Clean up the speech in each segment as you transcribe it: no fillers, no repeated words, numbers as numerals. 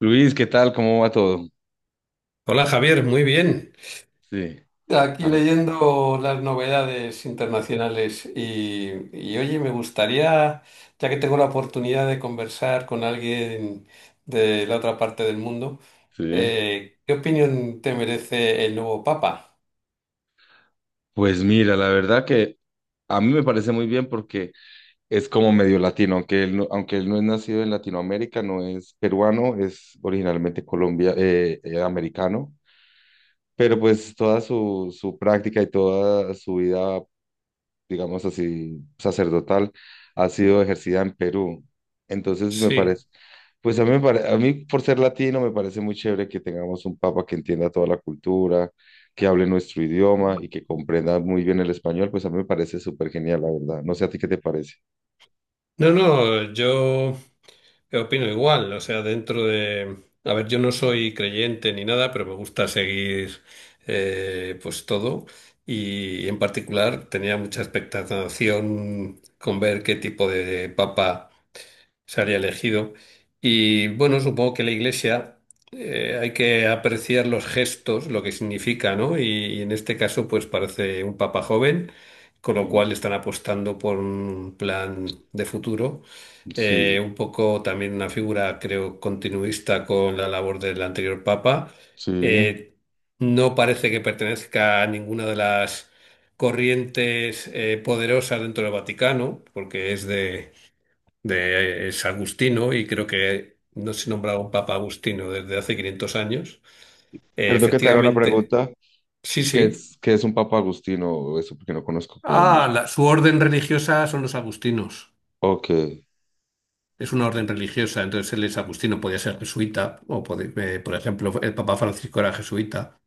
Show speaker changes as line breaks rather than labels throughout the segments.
Luis, ¿qué tal? ¿Cómo va todo?
Hola Javier, muy bien.
Sí,
Aquí
ah,
leyendo las novedades internacionales y, oye, me gustaría, ya que tengo la oportunidad de conversar con alguien de la otra parte del mundo,
sí.
¿qué opinión te merece el nuevo Papa?
Pues mira, la verdad que a mí me parece muy bien porque es como medio latino, aunque él no es nacido en Latinoamérica, no es peruano, es originalmente Colombia, americano, pero pues toda su práctica y toda su vida, digamos así, sacerdotal, ha sido ejercida en Perú. Entonces me
Sí.
parece, pues a mí, a mí por ser latino me parece muy chévere que tengamos un papa que entienda toda la cultura, que hable nuestro idioma y que comprenda muy bien el español, pues a mí me parece súper genial, la verdad. No sé a ti qué te parece.
No, no, yo, opino igual, o sea, dentro de, a ver, yo no soy creyente ni nada, pero me gusta seguir, pues, todo. Y en particular tenía mucha expectación con ver qué tipo de papa salía elegido. Y bueno, supongo que la iglesia, hay que apreciar los gestos, lo que significa, ¿no? Y en este caso, pues parece un papa joven, con lo
Sí,
cual están apostando por un plan de futuro.
sí,
Un poco también una figura, creo, continuista con la labor del anterior papa.
sí.
Eh, no parece que pertenezca a ninguna de las corrientes, poderosas dentro del Vaticano, porque es de es Agustino y creo que no se nombraba un Papa Agustino desde hace 500 años.
Perdón que te haga una
Efectivamente,
pregunta.
sí,
¿Qué
sí.
es, qué es un papa agustino? Eso porque no conozco como mucho.
Su orden religiosa son los agustinos.
Ok,
Es una orden religiosa, entonces él es agustino, podía ser jesuita, o por ejemplo, el Papa Francisco era jesuita,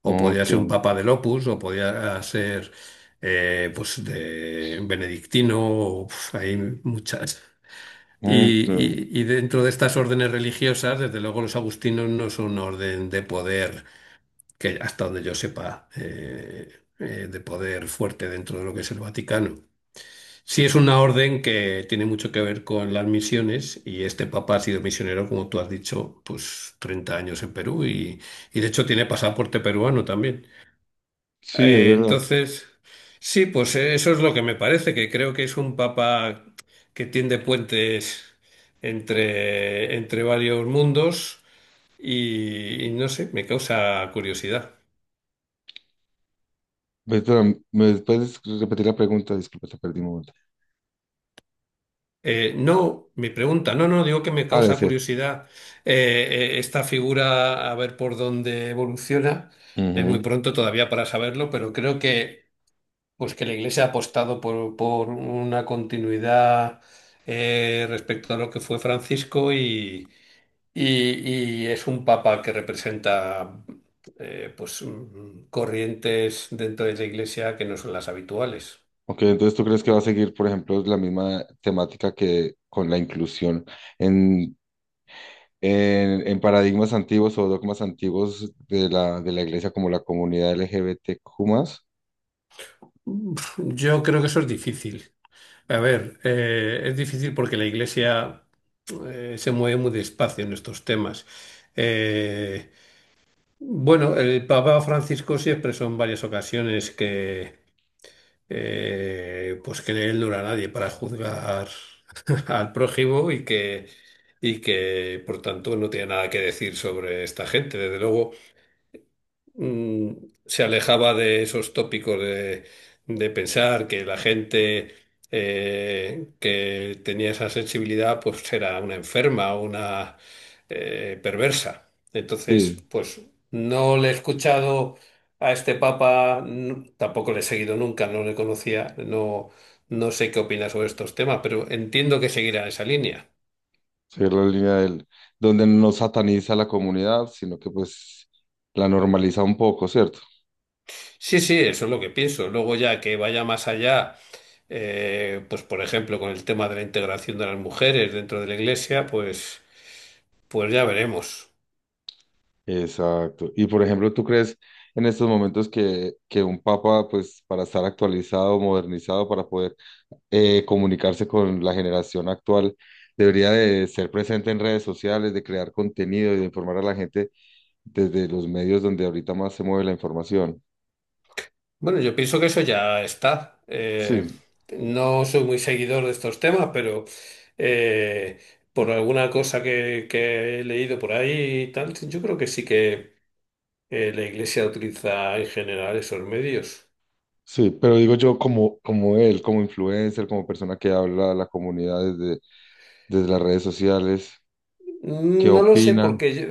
o podía
ok,
ser un Papa del Opus, o podía ser, pues, de benedictino, o, hay muchas. Y,
ok.
y- y dentro de estas órdenes religiosas, desde luego los agustinos no son un orden de poder, que hasta donde yo sepa, de poder fuerte dentro de lo que es el Vaticano. Sí es una orden que tiene mucho que ver con las misiones y este papa ha sido misionero, como tú has dicho, pues 30 años en Perú y de hecho tiene pasaporte peruano también.
Sí, es verdad.
Entonces, sí, pues, eso es lo que me parece, que creo que es un papa que tiende puentes entre varios mundos y no sé, me causa curiosidad.
Espera, ¿me puedes repetir la pregunta? Disculpa, te perdí un momento.
No, mi pregunta, no, no, digo que me
Ah,
causa
decías.
curiosidad, esta figura, a ver por dónde evoluciona. Es muy
Ujú.
pronto todavía para saberlo, pero creo que, pues, que la Iglesia ha apostado por una continuidad, respecto a lo que fue Francisco, y es un papa que representa, pues, corrientes dentro de la Iglesia que no son las habituales.
Ok, entonces tú crees que va a seguir, por ejemplo, la misma temática que con la inclusión en, en paradigmas antiguos o dogmas antiguos de la iglesia, como la comunidad L G B T Q más.
Yo creo que eso es difícil. A ver, es difícil porque la Iglesia, se mueve muy despacio en estos temas. Eh, bueno, el Papa Francisco sí expresó en varias ocasiones que, pues que él no era nadie para juzgar al prójimo y que por tanto no tiene nada que decir sobre esta gente. Desde luego, mm, se alejaba de esos tópicos de pensar que la gente, que tenía esa sensibilidad pues era una enferma o una, perversa. Entonces,
Sí,
pues no le he escuchado a este papa, tampoco le he seguido nunca, no le conocía, no, no sé qué opina sobre estos temas, pero entiendo que seguirá esa línea.
seguir la línea del, donde no sataniza a la comunidad, sino que pues la normaliza un poco, ¿cierto?
Sí, sí, eso es lo que pienso. Luego ya que vaya más allá, pues por ejemplo con el tema de la integración de las mujeres dentro de la iglesia, pues ya veremos.
Exacto. Y por ejemplo, ¿tú crees en estos momentos que un papa, pues para estar actualizado, modernizado, para poder comunicarse con la generación actual, debería de ser presente en redes sociales, de crear contenido y de informar a la gente desde los medios donde ahorita más se mueve la información?
Bueno, yo pienso que eso ya está.
Sí,
No soy muy seguidor de estos temas, pero, eh, por alguna cosa que he leído por ahí y tal, yo creo que sí que, la iglesia utiliza en general esos medios.
sí, pero digo yo como, como él, como influencer, como persona que habla a la comunidad desde, desde las redes sociales, ¿qué
No lo sé,
opina?
porque yo,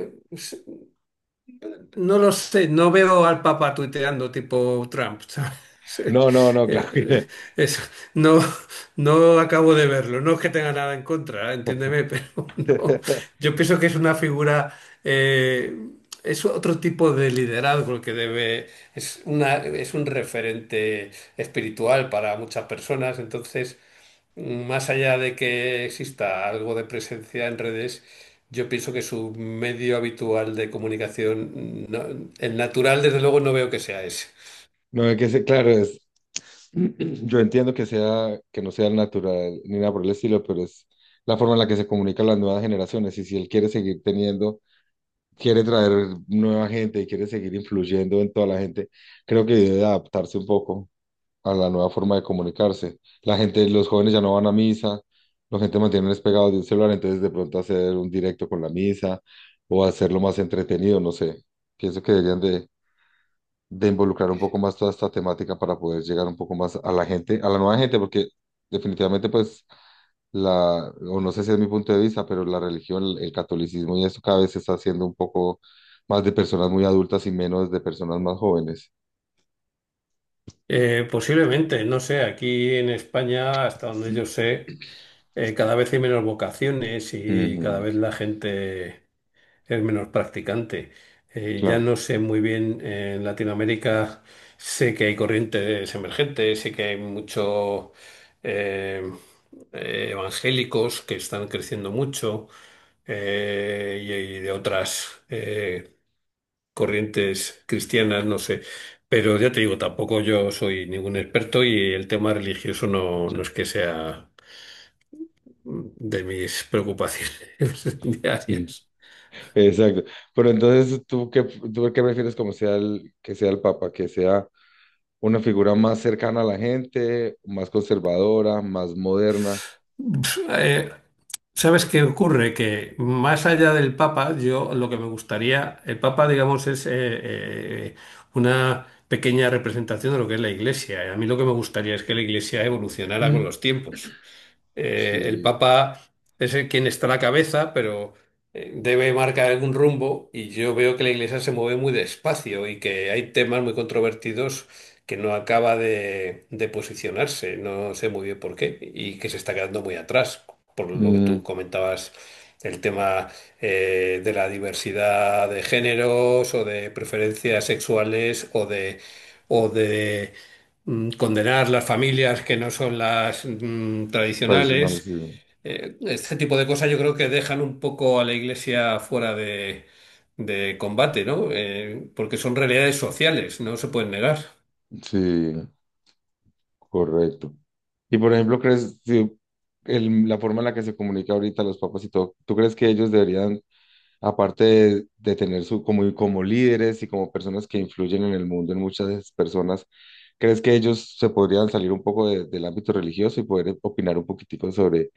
no lo sé, no veo al Papa tuiteando tipo Trump, ¿sabes? Eh,
No, no, no, claro
eh,
que
eso, no, no acabo de verlo. No es que tenga nada en contra, entiéndeme, pero no. Yo pienso que es una figura, eh, es otro tipo de liderazgo el que debe, es un referente espiritual para muchas personas, entonces más allá de que exista algo de presencia en redes, yo pienso que su medio habitual de comunicación, el natural, desde luego, no veo que sea ese.
no. No, es que ese, claro, es, yo entiendo que sea, que no sea natural ni nada por el estilo, pero es la forma en la que se comunican las nuevas generaciones. Y si él quiere seguir teniendo, quiere traer nueva gente y quiere seguir influyendo en toda la gente, creo que debe adaptarse un poco a la nueva forma de comunicarse. La gente, los jóvenes ya no van a misa, la gente mantiene pegados de un celular, entonces de pronto hacer un directo con la misa o hacerlo más entretenido, no sé. Pienso que deberían de involucrar un poco más toda esta temática para poder llegar un poco más a la gente, a la nueva gente, porque definitivamente pues la, o no sé si es mi punto de vista, pero la religión, el catolicismo y eso cada vez se está haciendo un poco más de personas muy adultas y menos de personas más jóvenes.
Posiblemente, no sé, aquí en España, hasta donde yo sé, cada vez hay menos vocaciones y cada
Ujú,
vez la gente es menos practicante. Ya
claro.
no sé muy bien, en Latinoamérica sé que hay corrientes emergentes, sé que hay muchos evangélicos que están creciendo mucho, y de otras, corrientes cristianas, no sé. Pero ya te digo, tampoco yo soy ningún experto y el tema religioso no, no es que sea, de mis preocupaciones
Sí,
diarias.
exacto. Pero entonces, ¿tú qué prefieres como sea el, que sea el Papa? ¿Que sea una figura más cercana a la gente, más conservadora, más moderna?
Pues, ¿sabes qué ocurre? Que más allá del Papa, yo lo que me gustaría, el Papa, digamos, es, una pequeña representación de lo que es la Iglesia. A mí lo que me gustaría es que la Iglesia evolucionara con los tiempos. El
Sí.
Papa es el quien está a la cabeza, pero, debe marcar algún rumbo y yo veo que la Iglesia se mueve muy despacio y que hay temas muy controvertidos que no acaba de posicionarse, no sé muy bien por qué, y que se está quedando muy atrás, por lo que
Mm,
tú comentabas, el tema, de la diversidad de géneros o de preferencias sexuales o de condenar las familias que no son las,
tradicionales,
tradicionales.
sí,
Este tipo de cosas yo creo que dejan un poco a la iglesia fuera de combate, ¿no? Porque son realidades sociales, no se pueden negar.
sí, sí, correcto. Y por ejemplo, ¿crees si la forma en la que se comunica ahorita los papas y todo, ¿tú crees que ellos deberían, aparte de tener su, como, como líderes y como personas que influyen en el mundo en muchas personas, ¿crees que ellos se podrían salir un poco del ámbito religioso y poder opinar un poquitico sobre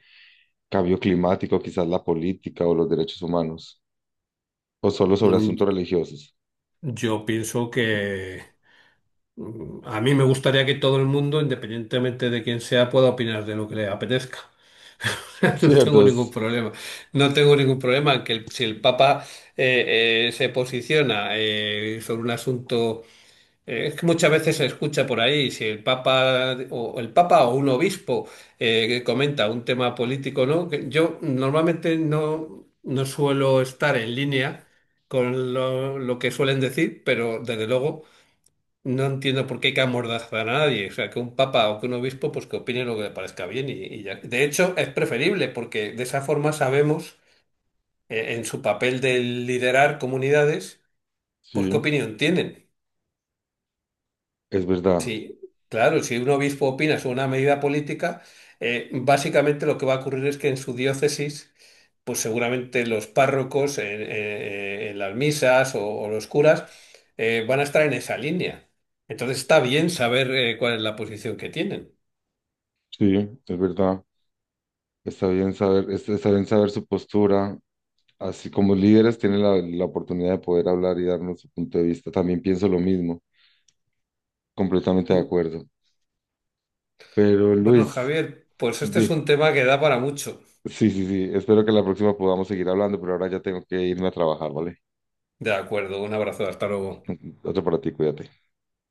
cambio climático, quizás la política o los derechos humanos, o solo sobre asuntos
Mm,
religiosos?
Yo pienso que, a mí me gustaría que todo el mundo, independientemente de quién sea, pueda opinar de lo que le apetezca. No tengo ningún
Ciertos,
problema. No tengo ningún problema en que si el Papa, se posiciona, sobre un asunto. Es que muchas veces se escucha por ahí si el Papa o un obispo, que comenta un tema político, ¿no? Que yo normalmente no suelo estar en línea con lo que suelen decir, pero desde luego no entiendo por qué hay que amordazar a nadie. O sea, que un Papa o que un obispo pues que opine lo que le parezca bien y ya. De hecho, es preferible porque de esa forma sabemos, en su papel de liderar comunidades, pues qué
sí,
opinión tienen.
es verdad,
Sí, claro, si un obispo opina sobre una medida política, básicamente lo que va a ocurrir es que en su diócesis, pues seguramente los párrocos en las misas o los curas, van a estar en esa línea. Entonces está bien saber, cuál es la posición que tienen.
sí, es verdad. Está bien saber, está bien saber su postura. Así como líderes tienen la, la oportunidad de poder hablar y darnos su punto de vista. También pienso lo mismo, completamente de
Mm,
acuerdo. Pero
Bueno,
Luis,
Javier, pues este es
di-
un tema que da para mucho.
sí, sí, sí, espero que la próxima podamos seguir hablando, pero ahora ya tengo que irme a trabajar, ¿vale?
De acuerdo, un abrazo, hasta luego.
Otro para ti, cuídate.